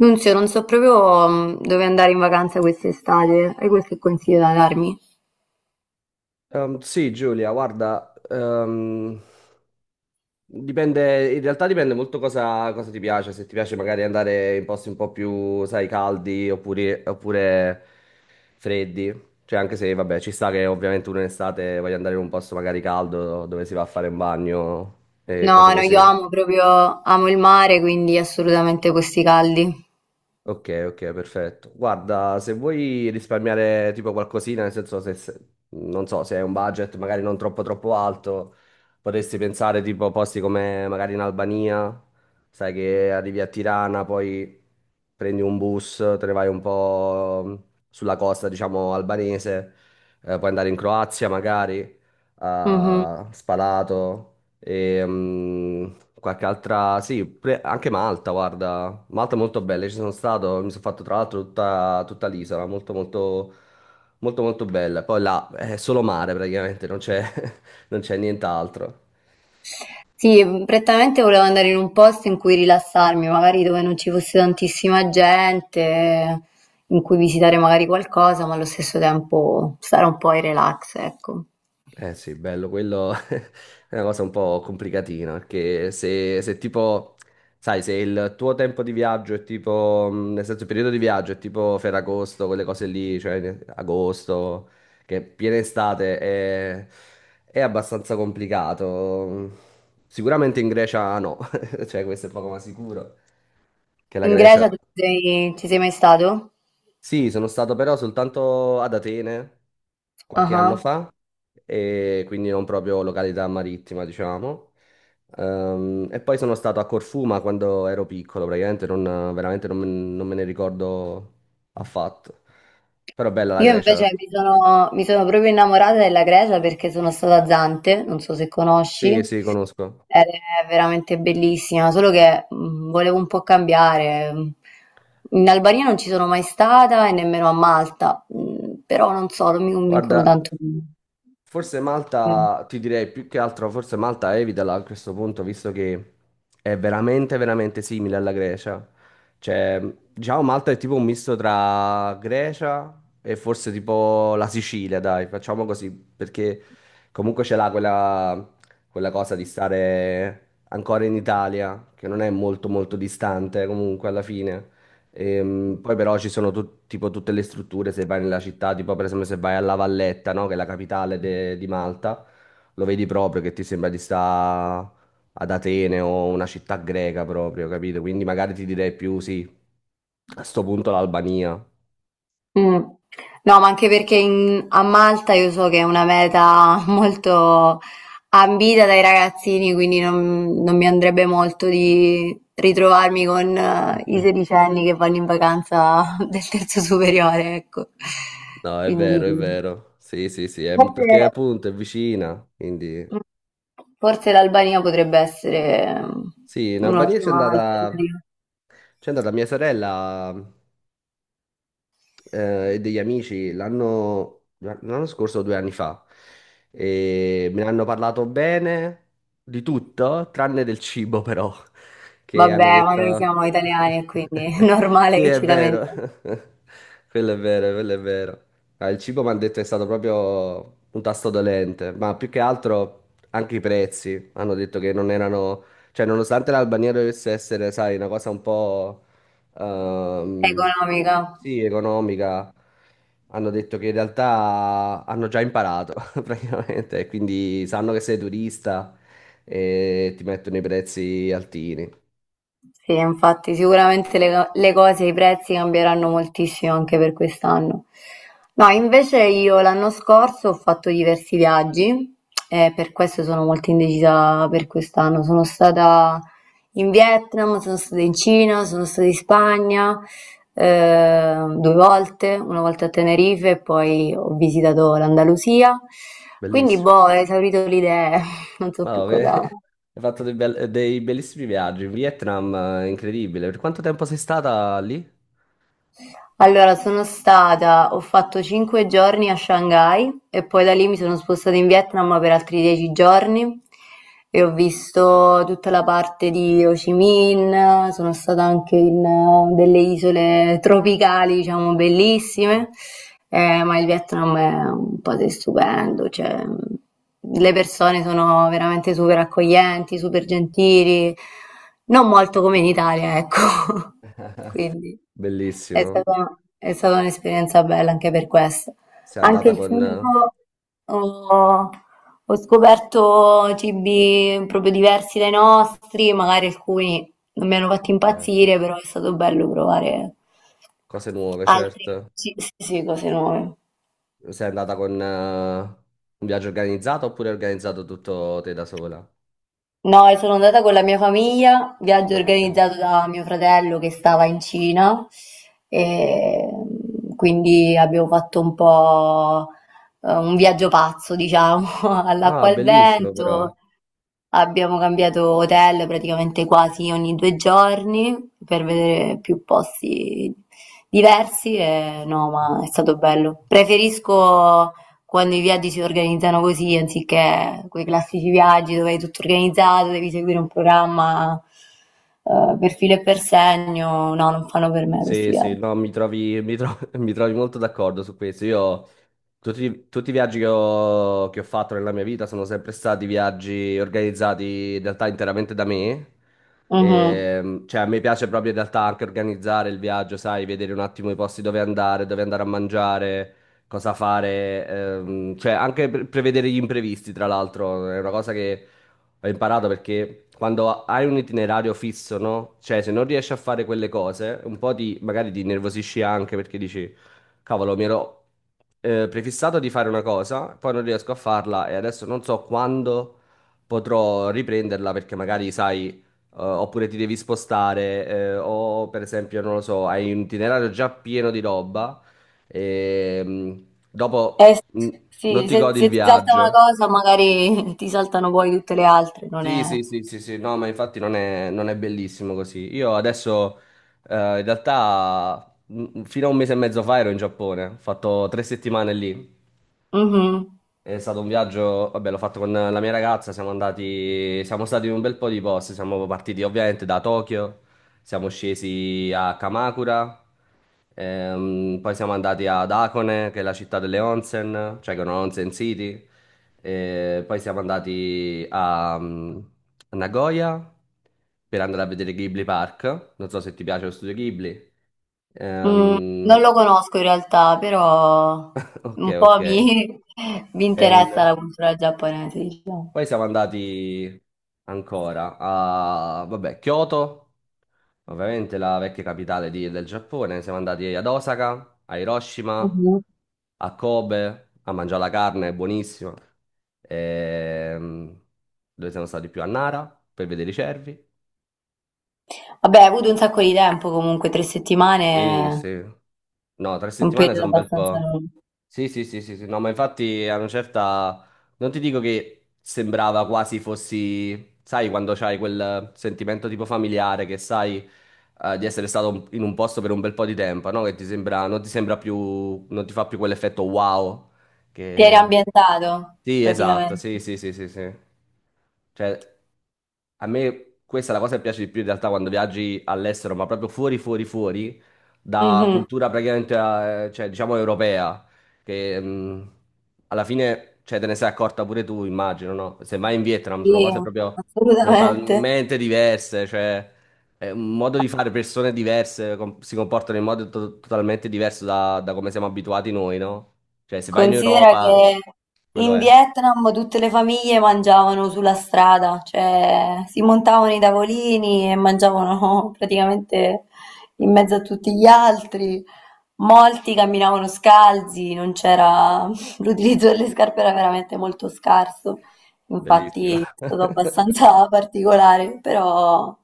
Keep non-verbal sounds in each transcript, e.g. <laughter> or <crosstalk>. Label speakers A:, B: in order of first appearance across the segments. A: Nunzio, non so proprio dove andare in vacanza quest'estate. Hai qualche consiglio da darmi?
B: Sì, Giulia, guarda, dipende, in realtà dipende molto cosa ti piace, se ti piace magari andare in posti un po' più, sai, caldi oppure freddi, cioè anche se, vabbè, ci sta che ovviamente uno in estate voglia andare in un posto magari caldo dove si va a fare un bagno e cose
A: No, no, io
B: così.
A: amo proprio, amo il mare, quindi assolutamente questi caldi.
B: Ok, ok, perfetto. Guarda, se vuoi risparmiare tipo qualcosina, nel senso non so, se hai un budget magari non troppo alto, potresti pensare tipo a posti come magari in Albania, sai che arrivi a Tirana, poi prendi un bus, te ne vai un po' sulla costa, diciamo, albanese, puoi andare in Croazia magari,
A: Mhm.
B: a Spalato. E, qualche altra, sì, anche Malta, guarda, Malta è molto bella, ci sono stato, mi sono fatto tra l'altro tutta l'isola, molto molto molto molto bella. Poi là è solo mare praticamente, non c'è <laughs> non c'è nient'altro.
A: Sì, prettamente volevo andare in un posto in cui rilassarmi, magari dove non ci fosse tantissima gente, in cui visitare magari qualcosa, ma allo stesso tempo stare un po' in relax, ecco.
B: Eh sì, bello, quello <laughs> è una cosa un po' complicatina, perché se tipo, sai, se il tuo tempo di viaggio è tipo, nel senso il periodo di viaggio è tipo Ferragosto, quelle cose lì, agosto, che è piena estate, è abbastanza complicato. Sicuramente in Grecia no, <laughs> cioè questo è poco ma sicuro, che la
A: In
B: Grecia...
A: Grecia tu ci sei mai stato?
B: Sì, sono stato però soltanto ad Atene
A: Ah
B: qualche anno
A: ah.
B: fa, e quindi non proprio località marittima, diciamo. E poi sono stato a Corfù, ma quando ero piccolo, praticamente non, veramente non, me non me ne ricordo affatto. Però bella la
A: Io
B: Grecia.
A: invece mi sono proprio innamorata della Grecia perché sono stata a Zante, non so se conosci,
B: Sì, sì, conosco.
A: ed è veramente bellissima, solo che volevo un po' cambiare. In Albania non ci sono mai stata e nemmeno a Malta, però non so, non mi convincono
B: Guarda.
A: tanto.
B: Forse
A: Mm.
B: Malta, ti direi più che altro, forse Malta evitala a questo punto, visto che è veramente, veramente simile alla Grecia. Cioè, diciamo Malta è tipo un misto tra Grecia e forse tipo la Sicilia, dai, facciamo così, perché comunque ce l'ha quella cosa di stare ancora in Italia, che non è molto, molto distante comunque alla fine. Poi però ci sono tipo tutte le strutture, se vai nella città, tipo per esempio se vai alla Valletta, no? Che è la di Malta, lo vedi proprio che ti sembra di stare ad Atene o una città greca proprio, capito? Quindi magari ti direi più sì, a sto punto l'Albania.
A: Mm. No, ma anche perché a Malta io so che è una meta <laughs> molto ambita dai ragazzini, quindi non, non mi andrebbe molto di ritrovarmi con i
B: <laughs>
A: sedicenni che vanno in vacanza <laughs> del terzo superiore, ecco.
B: No, è
A: Quindi
B: vero, è vero. Sì, sì, sì,
A: forse,
B: perché appunto è vicina, quindi...
A: forse l'Albania potrebbe essere
B: Sì, in Albania
A: un'ottima alternativa.
B: c'è andata mia sorella e degli amici l'anno scorso o due anni fa e me ne hanno parlato bene di tutto, tranne del cibo però, che hanno
A: Vabbè, ma noi
B: detto...
A: siamo italiani e quindi <laughs> è
B: <laughs>
A: normale
B: Sì,
A: che
B: è
A: ci
B: vero,
A: lamentiamo.
B: <laughs> quello è vero. Ah, il cibo mi hanno detto è stato proprio un tasto dolente, ma più che altro anche i prezzi hanno detto che non erano... Cioè, nonostante l'Albania dovesse essere, sai, una cosa un po' ehm,
A: Economica.
B: sì, economica, hanno detto che in realtà hanno già imparato <laughs> praticamente, e quindi sanno che sei turista e ti mettono i prezzi altini.
A: Sì, infatti sicuramente le cose, i prezzi cambieranno moltissimo anche per quest'anno. No, invece io l'anno scorso ho fatto diversi viaggi e per questo sono molto indecisa per quest'anno. Sono stata in Vietnam, sono stata in Cina, sono stata in Spagna due volte, una volta a Tenerife e poi ho visitato l'Andalusia. Quindi, boh,
B: Bellissimo.
A: ho esaurito le idee, <laughs> non so
B: Ma <laughs>
A: più
B: no,
A: cosa.
B: hai fatto dei bellissimi viaggi. In Vietnam, incredibile. Per quanto tempo sei stata lì?
A: Allora sono stata ho fatto 5 giorni a Shanghai e poi da lì mi sono spostata in Vietnam per altri 10 giorni e ho visto tutta la parte di Ho Chi Minh, sono stata anche in delle isole tropicali, diciamo, bellissime, ma il Vietnam è un paese stupendo, cioè le persone sono veramente super accoglienti, super gentili, non molto come in Italia, ecco. <laughs> Quindi. È
B: Bellissimo.
A: stata, è stata un'esperienza bella anche per questo.
B: Sei
A: Anche
B: andata
A: il
B: con
A: cibo, ho, ho scoperto cibi proprio diversi dai nostri, magari alcuni non mi hanno fatto
B: cioè,
A: impazzire, però è stato bello provare
B: cose nuove,
A: altri
B: certo.
A: sì, sì, cose nuove.
B: Sei andata con un viaggio organizzato oppure hai organizzato tutto te da sola?
A: No, e sono andata con la mia famiglia, viaggio
B: Ah, ok.
A: organizzato da mio fratello che stava in Cina, e quindi abbiamo fatto un po' un viaggio pazzo, diciamo, <laughs>
B: Ah,
A: all'acqua e al
B: bellissimo però.
A: vento. Abbiamo cambiato hotel praticamente quasi ogni 2 giorni per vedere più posti diversi e no, ma è stato bello. Preferisco quando i viaggi si organizzano così, anziché quei classici viaggi dove hai tutto organizzato, devi seguire un programma per filo e per segno, no, non fanno per me questi
B: Sì, sì,
A: viaggi.
B: no, mi trovi, mi tro- <laughs> mi trovi molto d'accordo su questo. Io, tutti, tutti i viaggi che ho fatto nella mia vita sono sempre stati viaggi organizzati in realtà interamente da me.
A: Mhm.
B: E, cioè, a me piace proprio in realtà anche organizzare il viaggio, sai, vedere un attimo i posti dove andare a mangiare, cosa fare, cioè anche prevedere gli imprevisti, tra l'altro, è una cosa che ho imparato perché quando hai un itinerario fisso, no? Cioè, se non riesci a fare quelle cose, un po' ti, magari ti nervosisci anche perché dici, cavolo, mi ero prefissato di fare una cosa, poi non riesco a farla e adesso non so quando potrò riprenderla perché magari sai, oppure ti devi spostare, o per esempio, non lo so, hai un itinerario già pieno di roba e dopo
A: Eh,
B: mm, non
A: sì,
B: ti
A: se,
B: godi il
A: se ti salta una
B: viaggio.
A: cosa magari <laughs> ti saltano poi tutte le altre, non
B: Sì,
A: è.
B: sì, sì, sì, sì, no, ma infatti non è bellissimo così. Io adesso, in realtà, fino a un mese e mezzo fa ero in Giappone, ho fatto tre settimane lì.
A: Mhm.
B: È stato un viaggio, vabbè, l'ho fatto con la mia ragazza, siamo stati in un bel po' di posti, siamo partiti ovviamente da Tokyo, siamo scesi a Kamakura, poi siamo andati ad Hakone, che è la città delle onsen, cioè che è una onsen city, e poi siamo andati a a Nagoya per andare a vedere Ghibli Park, non so se ti piace lo studio Ghibli.
A: Mm, non
B: Ehm,
A: lo conosco in realtà, però
B: <laughs> ok,
A: un po'
B: ok,
A: mi, <laughs> mi
B: è
A: interessa
B: un...
A: la cultura giapponese, diciamo.
B: Poi siamo andati ancora a, vabbè, Kyoto, ovviamente la vecchia del Giappone. Siamo andati ad Osaka, a Hiroshima,
A: Mhm.
B: a Kobe, a mangiare la carne, è buonissima. Ehm, dove siamo stati più? A Nara, per vedere i cervi.
A: Vabbè, hai avuto un sacco di tempo comunque, tre
B: Sì,
A: settimane
B: sì. No, tre
A: Un
B: settimane
A: periodo
B: sono un bel
A: abbastanza
B: po'.
A: lungo.
B: Sì, sì, sì, sì, sì, no, ma infatti a una certa... Non ti dico che sembrava quasi fossi, sai, quando c'hai quel sentimento tipo familiare che sai di essere stato in un posto per un bel po' di tempo, no? Che ti sembra, non ti sembra più, non ti fa più quell'effetto wow.
A: Ti eri
B: Che...
A: ambientato,
B: Sì, esatto,
A: praticamente.
B: sì, sì, sì, sì, sì. Cioè, a me questa è la cosa che piace di più in realtà quando viaggi all'estero, ma proprio fuori, fuori, fuori, da
A: Mhm,
B: cultura praticamente, cioè, diciamo, europea che alla fine, cioè, te ne sei accorta pure tu, immagino, no? Se vai in Vietnam sono
A: sì,
B: cose proprio
A: assolutamente.
B: totalmente diverse, cioè è un modo di fare, si comportano in modo totalmente diverso da, da come siamo abituati noi, no? Cioè, se vai in
A: Considera
B: Europa,
A: che
B: quello
A: in
B: è
A: Vietnam tutte le famiglie mangiavano sulla strada, cioè si montavano i tavolini e mangiavano <laughs> praticamente in mezzo a tutti gli altri. Molti camminavano scalzi, non c'era <laughs> l'utilizzo delle scarpe era veramente molto scarso,
B: bellissimo.
A: infatti è stato
B: <laughs>
A: abbastanza <laughs> particolare, però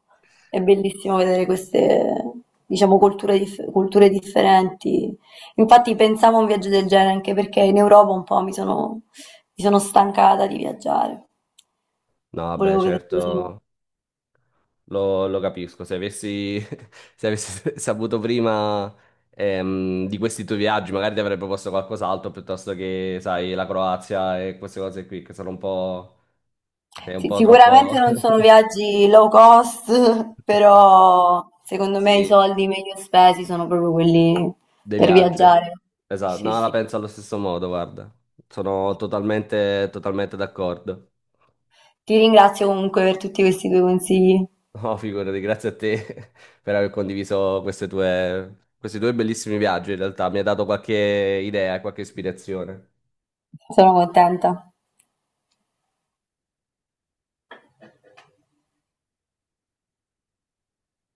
A: è bellissimo vedere queste, diciamo, culture, culture differenti. Infatti pensavo a un viaggio del genere anche perché in Europa un po' mi sono stancata di viaggiare.
B: No, vabbè,
A: Volevo vedere cose.
B: certo. Lo capisco, se avessi, <laughs> se avessi saputo prima di questi tuoi viaggi, magari ti avrei proposto qualcos'altro piuttosto che, sai, la Croazia e queste cose qui che sono un po'... sei un
A: Sì,
B: po' troppo...
A: sicuramente non
B: <laughs>
A: sono viaggi low cost, <laughs> però secondo me i
B: Sì,
A: soldi meglio spesi sono proprio quelli
B: dei
A: per
B: viaggi.
A: viaggiare.
B: Esatto,
A: Sì,
B: no, la
A: sì.
B: penso allo stesso modo, guarda. Sono totalmente, totalmente d'accordo. <laughs>
A: Ti ringrazio comunque per tutti questi tuoi consigli.
B: No, figurati, grazie a te <laughs> per aver condiviso questi due bellissimi viaggi, in realtà. Mi hai dato qualche idea, qualche ispirazione.
A: Sono contenta.